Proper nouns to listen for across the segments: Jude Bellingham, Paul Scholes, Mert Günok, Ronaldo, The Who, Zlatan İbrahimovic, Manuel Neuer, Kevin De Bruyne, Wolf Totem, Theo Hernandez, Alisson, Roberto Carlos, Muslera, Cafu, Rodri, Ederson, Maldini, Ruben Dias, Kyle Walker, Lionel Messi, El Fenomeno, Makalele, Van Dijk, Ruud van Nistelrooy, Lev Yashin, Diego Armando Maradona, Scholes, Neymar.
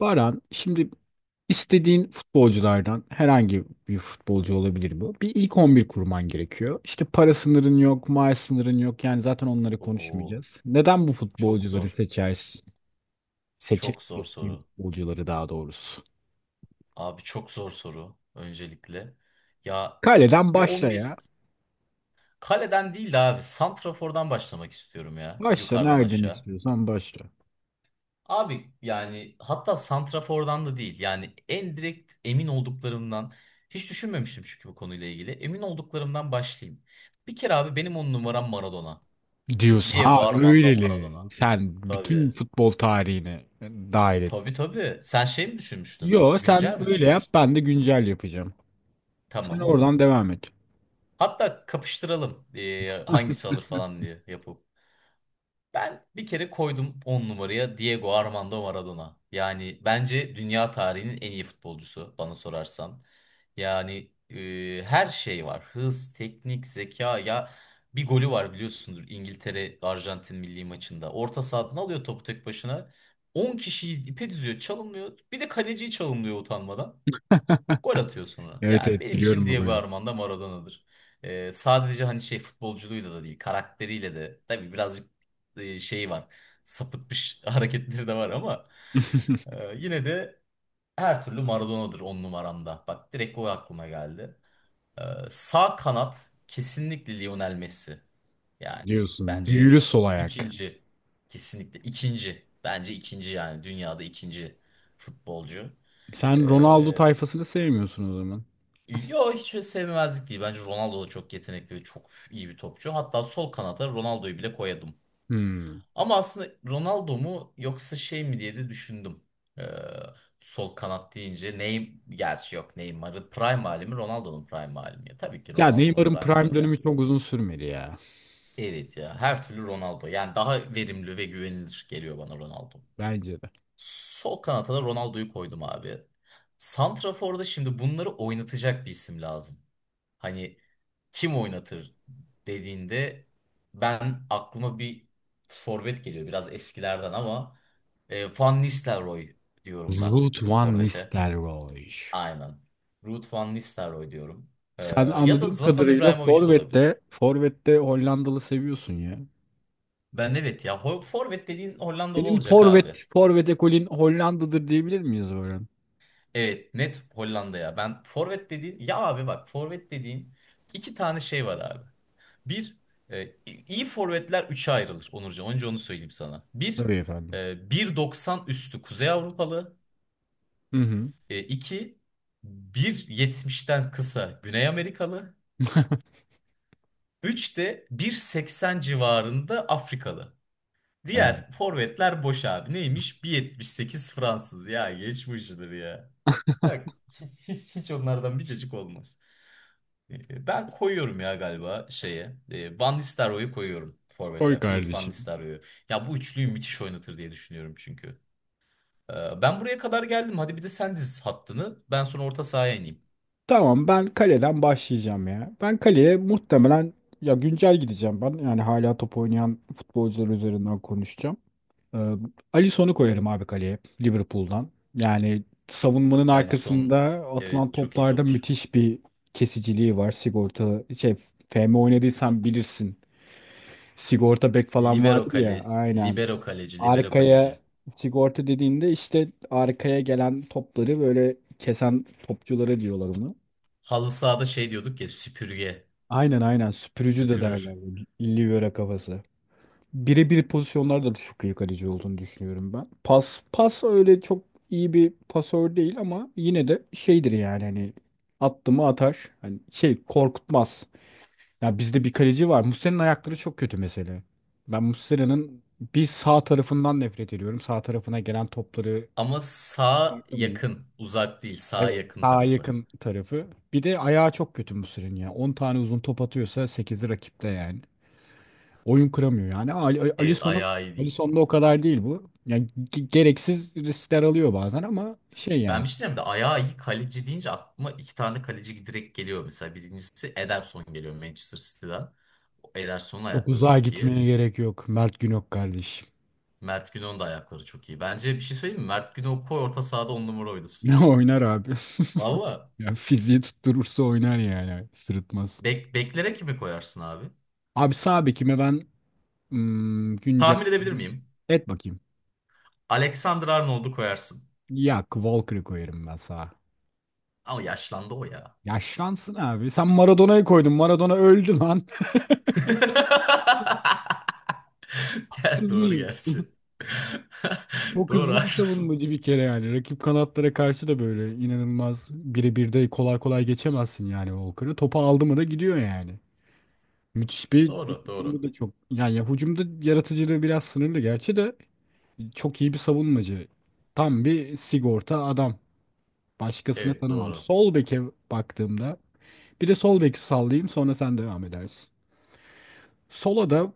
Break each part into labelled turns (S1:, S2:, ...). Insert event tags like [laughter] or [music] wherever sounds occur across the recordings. S1: Baran, şimdi istediğin futbolculardan herhangi bir futbolcu olabilir bu. Bir ilk 11 kurman gerekiyor. İşte para sınırın yok, maaş sınırın yok. Yani zaten onları
S2: Oo,
S1: konuşmayacağız. Neden bu
S2: çok
S1: futbolcuları
S2: zor.
S1: seçersin? Seçe,
S2: Çok zor
S1: seçtiğin
S2: soru.
S1: futbolcuları daha doğrusu.
S2: Abi çok zor soru öncelikle. Ya
S1: Kaleden
S2: bir on
S1: başla
S2: bir
S1: ya.
S2: kaleden değil de abi santrafordan başlamak istiyorum ya
S1: Başla
S2: yukarıdan
S1: nereden
S2: aşağı.
S1: istiyorsan başla.
S2: Abi yani hatta santrafordan da değil. Yani en direkt emin olduklarımdan hiç düşünmemiştim çünkü bu konuyla ilgili. Emin olduklarımdan başlayayım. Bir kere abi benim 10 numaram Maradona.
S1: Diyorsun ha
S2: Diego Armando
S1: öyleli.
S2: Maradona.
S1: Sen
S2: Tabii.
S1: bütün futbol tarihini dahil et.
S2: Tabii tabii. Sen şey mi düşünmüştün?
S1: Yo,
S2: Güncel mi
S1: sen öyle yap,
S2: düşünmüştün?
S1: ben de güncel yapacağım. Sen
S2: Tamam olur.
S1: oradan devam et.
S2: Hatta kapıştıralım hangisi alır falan diye yapıp. Ben bir kere koydum 10 numaraya Diego Armando Maradona. Yani bence dünya tarihinin en iyi futbolcusu bana sorarsan. Yani her şey var. Hız, teknik, zeka ya bir golü var biliyorsundur İngiltere Arjantin milli maçında. Orta sahadan alıyor topu tek başına. 10 kişiyi ipe diziyor, çalınmıyor. Bir de kaleciyi çalınmıyor utanmadan. Gol atıyor sonra.
S1: Evet,
S2: Yani
S1: evet,
S2: benim için
S1: biliyorum o
S2: Diego
S1: golü.
S2: Armando Maradona'dır. Sadece hani şey futbolculuğuyla da değil, karakteriyle de tabii birazcık şey var. Sapıtmış [laughs] hareketleri de var ama yine de her türlü Maradona'dır 10 numaramda. Bak direkt o aklıma geldi. Ee, sağ kanat kesinlikle Lionel Messi. Yani
S1: Diyorsun. Büyülü
S2: bence
S1: sol ayak.
S2: ikinci. Kesinlikle ikinci. Bence ikinci yani dünyada ikinci futbolcu.
S1: Sen Ronaldo
S2: Ee,
S1: tayfasını sevmiyorsun o zaman.
S2: Yo hiç öyle değil. Bence Ronaldo da çok yetenekli ve çok iyi bir topçu. Hatta sol kanata Ronaldo'yu bile koyadım.
S1: Hmm.
S2: Ama aslında Ronaldo mu yoksa şey mi diye de düşündüm. Ee, sol kanat deyince Neymar gerçi yok Neymar'ı prime hali mi Ronaldo'nun prime hali mi? Ya, tabii ki
S1: Ya
S2: Ronaldo'nun
S1: Neymar'ın
S2: prime
S1: prime
S2: hali ya.
S1: dönemi çok uzun sürmedi ya.
S2: Evet ya her türlü Ronaldo. Yani daha verimli ve güvenilir geliyor bana Ronaldo.
S1: Bence de.
S2: Sol kanata da Ronaldo'yu koydum abi. Santrafor'da şimdi bunları oynatacak bir isim lazım. Hani kim oynatır dediğinde ben aklıma bir forvet geliyor biraz eskilerden ama Van Nistelrooy diyorum ben
S1: Ruud van
S2: forvete.
S1: Nistelrooy.
S2: Aynen. Ruud van Nistelrooy diyorum. E,
S1: Sen
S2: ya da
S1: anladığım
S2: Zlatan
S1: kadarıyla
S2: İbrahimovic de olabilir.
S1: Forvet'te Hollandalı seviyorsun ya.
S2: Ben evet ya forvet dediğin Hollandalı
S1: Senin
S2: olacak abi.
S1: Forvet ekolün Hollanda'dır diyebilir miyiz Orhan?
S2: Evet net Hollanda ya. Ben forvet dediğin ya abi bak forvet dediğin iki tane şey var abi. Bir e, i- iyi forvetler üçe ayrılır Onurcan. Önce onu söyleyeyim sana. Bir
S1: Tabii efendim.
S2: e, 1,90 üstü Kuzey Avrupalı.
S1: Hı hı.
S2: E, iki 1,70'ten kısa Güney Amerikalı. Üç de 1,80 civarında Afrikalı.
S1: Yani,
S2: Diğer forvetler boş abi. Neymiş? 1,78 Fransız. Ya geçmiştir ya. Ya hiç, hiç, hiç onlardan bir cacık olmaz. Ben koyuyorum ya galiba şeye. Van Nistelrooy'u koyuyorum
S1: koy
S2: forvete. Ruud van
S1: kardeşim.
S2: Nistelrooy'u. Ya bu üçlüyü müthiş oynatır diye düşünüyorum çünkü. Ben buraya kadar geldim. Hadi bir de sen diz hattını. Ben sonra orta sahaya ineyim.
S1: Tamam, ben kaleden başlayacağım ya. Ben kaleye muhtemelen ya güncel gideceğim ben. Yani hala top oynayan futbolcular üzerinden konuşacağım. Ee, Alisson'u koyarım abi kaleye Liverpool'dan. Yani savunmanın
S2: Alisson
S1: arkasında atılan
S2: evet çok iyi
S1: toplarda
S2: topçu.
S1: müthiş bir kesiciliği var. Sigorta FM oynadıysan bilirsin. Sigorta bek falan
S2: Libero
S1: vardır
S2: kale,
S1: ya, aynen.
S2: libero kaleci, libero kaleci.
S1: Arkaya sigorta dediğinde işte arkaya gelen topları böyle kesen topçuları diyorlar ona.
S2: Halı sahada şey diyorduk ya süpürge,
S1: Aynen, aynen, süpürücü de
S2: süpürür.
S1: derler. Livera kafası. Birebir pozisyonlarda da çok iyi kaleci olduğunu düşünüyorum ben. Pas öyle çok iyi bir pasör değil ama yine de şeydir yani, hani attı mı atar. Hani şey, korkutmaz. Ya bizde bir kaleci var. Muslera'nın ayakları çok kötü mesela. Ben Muslera'nın bir sağ tarafından nefret ediyorum. Sağ tarafına gelen topları.
S2: Ama sağ
S1: Bakın,
S2: yakın, uzak değil, sağ
S1: evet,
S2: yakın
S1: sağa
S2: tarafı.
S1: yakın tarafı. Bir de ayağı çok kötü Muslera'nın ya. 10 tane uzun top atıyorsa 8'i rakipte yani. Oyun kıramıyor yani.
S2: Evet ayağı iyi değil.
S1: Alisson'da o kadar değil bu. Yani gereksiz riskler alıyor bazen ama şey
S2: Ben
S1: yani.
S2: bir şey diyeceğim de ayağı iyi kaleci deyince aklıma iki tane kaleci direkt geliyor. Mesela birincisi Ederson geliyor Manchester City'den. O Ederson'un
S1: Çok
S2: ayakları
S1: uzağa
S2: çok iyi.
S1: gitmeye gerek yok. Mert Günok kardeşim.
S2: Mert Günok'un da ayakları çok iyi. Bence bir şey söyleyeyim mi? Mert Günok'u koy orta sahada 10 numara
S1: [laughs]
S2: oynasın.
S1: Ne oynar abi? [laughs]
S2: Valla.
S1: Ya fiziği tutturursa oynar yani. Sırıtmaz.
S2: Beklere kimi koyarsın abi?
S1: Abi sağ bekime ben güncel
S2: Tahmin edebilir miyim?
S1: et bakayım.
S2: Alexander Arnold'u koyarsın.
S1: Ya Walker'ı koyarım ben sağa.
S2: Ama yaşlandı o ya.
S1: Yaşlansın abi. Sen Maradona'yı koydun. Maradona öldü lan.
S2: [laughs]
S1: [laughs]
S2: Gel
S1: Haksız
S2: doğru
S1: mıyım?
S2: gerçi. [laughs]
S1: Çok
S2: Doğru
S1: hızlı bir
S2: haklısın.
S1: savunmacı bir kere yani. Rakip kanatlara karşı da böyle inanılmaz, birebir de kolay kolay geçemezsin yani Walker'ı. Topu aldı mı da gidiyor yani. Müthiş bir
S2: Doğru
S1: hücumda
S2: doğru.
S1: da çok. Yani ya hücumda yaratıcılığı biraz sınırlı gerçi de çok iyi bir savunmacı. Tam bir sigorta adam. Başkasını
S2: Evet
S1: tanımam.
S2: doğru.
S1: Sol beke baktığımda, bir de sol beki sallayayım sonra sen devam edersin. Sola da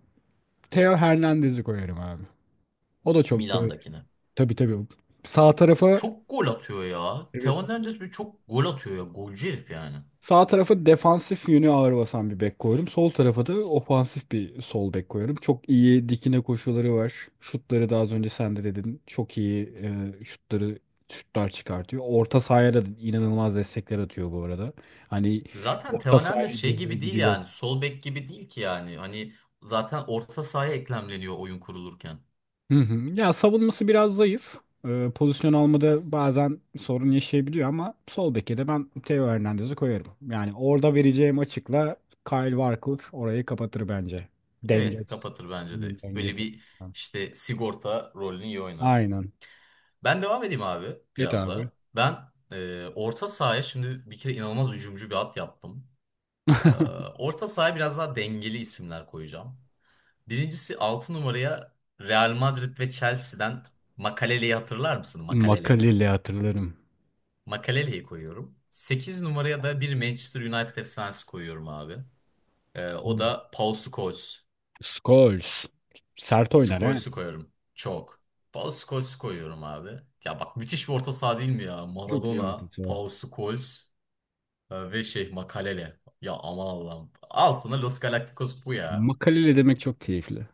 S1: Theo Hernandez'i koyarım abi. O da çok böyle.
S2: Milan'dakine.
S1: Tabii, tabii. Sağ tarafa
S2: Çok gol atıyor ya. Theo Hernandez bir çok gol atıyor ya. Golcü herif yani.
S1: Sağ tarafı defansif yönü ağır basan bir bek koydum. Sol tarafa da ofansif bir sol bek koyuyorum. Çok iyi dikine koşuları var. Şutları da az önce sen de dedin. Çok iyi e, şutları şutlar çıkartıyor. Orta sahaya da inanılmaz destekler atıyor bu arada. Hani
S2: Zaten Theo
S1: orta sahaya
S2: Hernandez şey
S1: geliyor,
S2: gibi değil
S1: gidiyor.
S2: yani. Sol bek gibi değil ki yani. Hani zaten orta sahaya eklemleniyor oyun kurulurken.
S1: Hı hı. Ya savunması biraz zayıf. Pozisyon almada bazen sorun yaşayabiliyor ama sol beke de ben Theo Hernandez'i koyarım. Yani orada vereceğim açıkla Kyle Walker orayı kapatır bence. Denge
S2: Evet
S1: açısından,
S2: kapatır bence de.
S1: oyun
S2: Böyle
S1: dengesi
S2: bir
S1: açısından.
S2: işte sigorta rolünü iyi oynar.
S1: Aynen.
S2: Ben devam edeyim abi
S1: Evet
S2: biraz
S1: abi.
S2: daha. Ben orta sahaya şimdi bir kere inanılmaz hücumcu bir at yaptım. E,
S1: [laughs]
S2: orta sahaya biraz daha dengeli isimler koyacağım. Birincisi 6 numaraya Real Madrid ve Chelsea'den Makalele'yi hatırlar mısın? Makalele.
S1: Makaleli hatırlarım.
S2: Makalele'yi koyuyorum. 8 numaraya da bir Manchester United efsanesi koyuyorum abi. Ee,
S1: Hı.
S2: o da Paul Scholes.
S1: Scholes. Sert oynar he.
S2: Scholes'u koyuyorum. Çok. Paul Scholes'u koyuyorum abi. Ya bak müthiş bir orta saha değil mi ya?
S1: Çok iyi
S2: Maradona,
S1: ortası.
S2: Paul Scholes ve şey Makalele. Ya aman Allah'ım. Al sana Los Galacticos bu ya.
S1: Makaleli demek çok keyifli.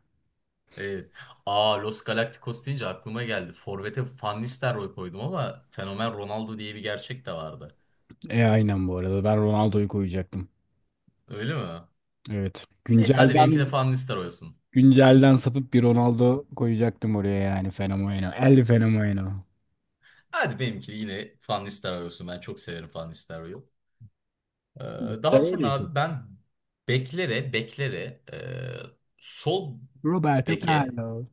S2: Evet. Aa Los Galacticos deyince aklıma geldi. Forvet'e Van Nistelrooy koydum ama fenomen Ronaldo diye bir gerçek de vardı.
S1: Aynen bu arada. Ben Ronaldo'yu koyacaktım.
S2: Öyle mi?
S1: Evet.
S2: Neyse hadi benimki
S1: Güncelden
S2: de Van Nistelrooy olsun.
S1: Sapıp bir Ronaldo koyacaktım oraya, yani Fenomeno. El Fenomeno.
S2: Hadi benimki de yine Van Nistelrooy olsun. Ben çok severim Van Nistelrooy'u. Ee, daha
S1: Ben
S2: sonra
S1: öyle top.
S2: abi ben beklere beklere e, sol
S1: Roberto
S2: beke
S1: Carlos.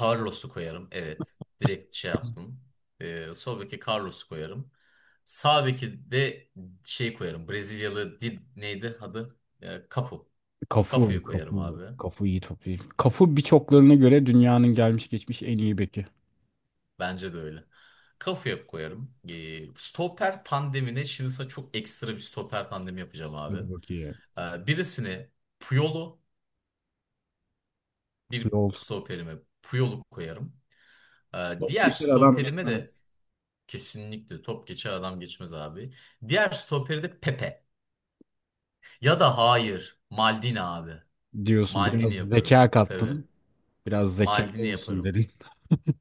S2: Carlos'u koyarım. Evet. Direkt şey yaptım. Sol beke Carlos'u koyarım. Sağ beke de şey koyarım. Brezilyalı Did neydi adı? Cafu.
S1: Cafu,
S2: Cafu'yu koyarım
S1: Cafu,
S2: abi.
S1: Cafu iyi topçu. Cafu birçoklarına göre dünyanın gelmiş geçmiş en iyi beki.
S2: Bence de öyle. Cafu'ya koyarım. Stoper tandemine şimdi sana çok ekstra bir stoper tandemi yapacağım abi.
S1: Hadi bakayım.
S2: Birisini Puyol'u bir
S1: Yol.
S2: stoperime Puyol'u koyarım. Ee,
S1: Top
S2: diğer
S1: geçer adam
S2: stoperime de
S1: geçmez
S2: kesinlikle top geçer adam geçmez abi. Diğer stoperi de Pepe. Ya da hayır. Maldini abi.
S1: diyorsun. Biraz
S2: Maldini yaparım.
S1: zeka
S2: Tabii.
S1: kattın. Biraz zeka
S2: Maldini
S1: olsun
S2: yaparım.
S1: dedin.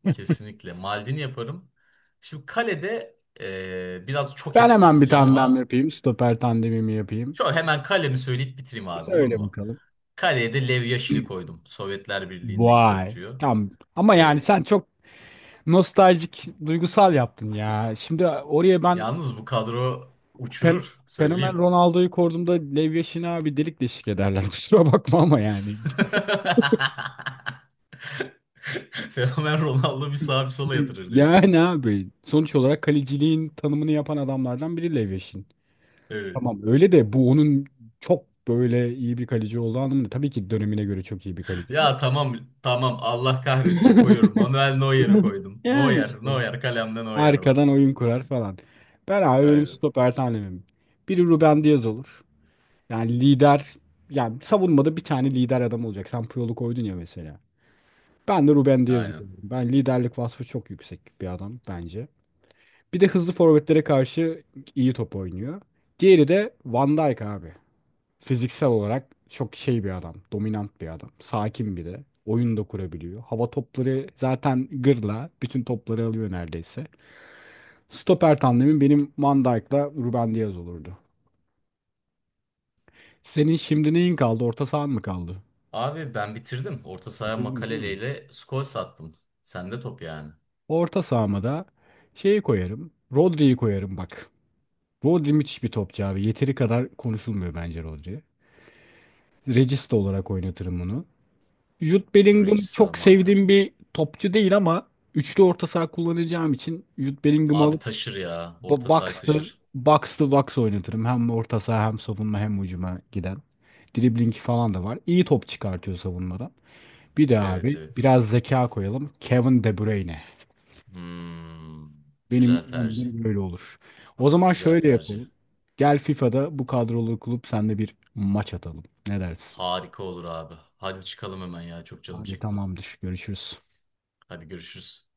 S2: Kesinlikle. Maldini yaparım. Şimdi kalede biraz çok
S1: Ben
S2: eskiye
S1: hemen bir
S2: gideceğim
S1: tandem
S2: ama
S1: yapayım. Stoper tandemimi yapayım.
S2: şu hemen kalemi söyleyip bitireyim abi olur
S1: Söyle
S2: mu?
S1: bakalım.
S2: Kaleye de Lev Yashin'i koydum. Sovyetler Birliği'ndeki
S1: Vay.
S2: topçuyu.
S1: Tamam. Ama yani
S2: Evet.
S1: sen çok nostaljik, duygusal yaptın ya. Şimdi oraya ben
S2: Yalnız bu kadro
S1: fen-
S2: uçurur.
S1: fenomen
S2: Söyleyeyim.
S1: Ronaldo'yu koyduğumda Lev abi delik deşik ederler. [laughs] Kusura bakma ama yani. [laughs]
S2: [laughs] Fenomen Ronaldo bir sağa bir sola yatırır diyorsun.
S1: Yani abi sonuç olarak kaleciliğin tanımını yapan adamlardan biri Lev Yashin.
S2: Evet.
S1: Tamam öyle de bu onun çok böyle iyi bir kaleci olduğu anlamında. Tabii ki dönemine göre çok iyi bir kaleci ama.
S2: Ya tamam tamam Allah kahretsin koyuyorum.
S1: [laughs]
S2: Manuel Neuer'i koydum.
S1: Yani
S2: Neuer,
S1: işte.
S2: Neuer kalemde Neuer var.
S1: Arkadan oyun kurar falan. Ben abi, benim
S2: Aynen.
S1: stoper tanemim. Biri Ruben Diaz olur. Yani lider, yani savunmada bir tane lider adam olacak. Sen Puyol'u koydun ya mesela. Ben de Ruben Dias'ı
S2: Aynen.
S1: koydum. Ben liderlik vasfı çok yüksek bir adam bence. Bir de hızlı forvetlere karşı iyi top oynuyor. Diğeri de Van Dijk abi. Fiziksel olarak çok şey bir adam. Dominant bir adam. Sakin bir de. Oyun da kurabiliyor. Hava topları zaten gırla. Bütün topları alıyor neredeyse. Stoper tandemim benim Van Dijk'la Ruben Dias olurdu. Senin şimdi neyin kaldı? Orta sahan mı kaldı?
S2: Abi ben bitirdim. Orta saha
S1: Bitirdin değil mi?
S2: makaleleyle skor sattım. Sende top yani.
S1: Orta sahama da şeyi koyarım. Rodri'yi koyarım bak. Rodri müthiş bir topçu abi. Yeteri kadar konuşulmuyor bence Rodri. Regista olarak oynatırım onu. Jude Bellingham
S2: Regista
S1: çok
S2: marka.
S1: sevdiğim bir topçu değil ama üçlü orta saha kullanacağım için Jude Bellingham'ı
S2: Abi
S1: alıp
S2: taşır ya. Orta sahayı taşır.
S1: box to box oynatırım. Hem orta saha, hem savunma, hem hücuma giden. Dribbling falan da var. İyi top çıkartıyor savunmadan. Bir de
S2: Evet
S1: abi
S2: evet.
S1: biraz zeka koyalım. Kevin De Bruyne.
S2: Hmm,
S1: Benim
S2: güzel tercih.
S1: 11 böyle olur. O zaman
S2: Güzel
S1: şöyle
S2: tercih.
S1: yapalım. Gel FIFA'da bu kadrolu kulüp senle bir maç atalım. Ne dersin?
S2: Harika olur abi. Hadi çıkalım hemen ya. Çok canım
S1: Hadi
S2: çekti.
S1: tamamdır. Görüşürüz.
S2: Hadi görüşürüz.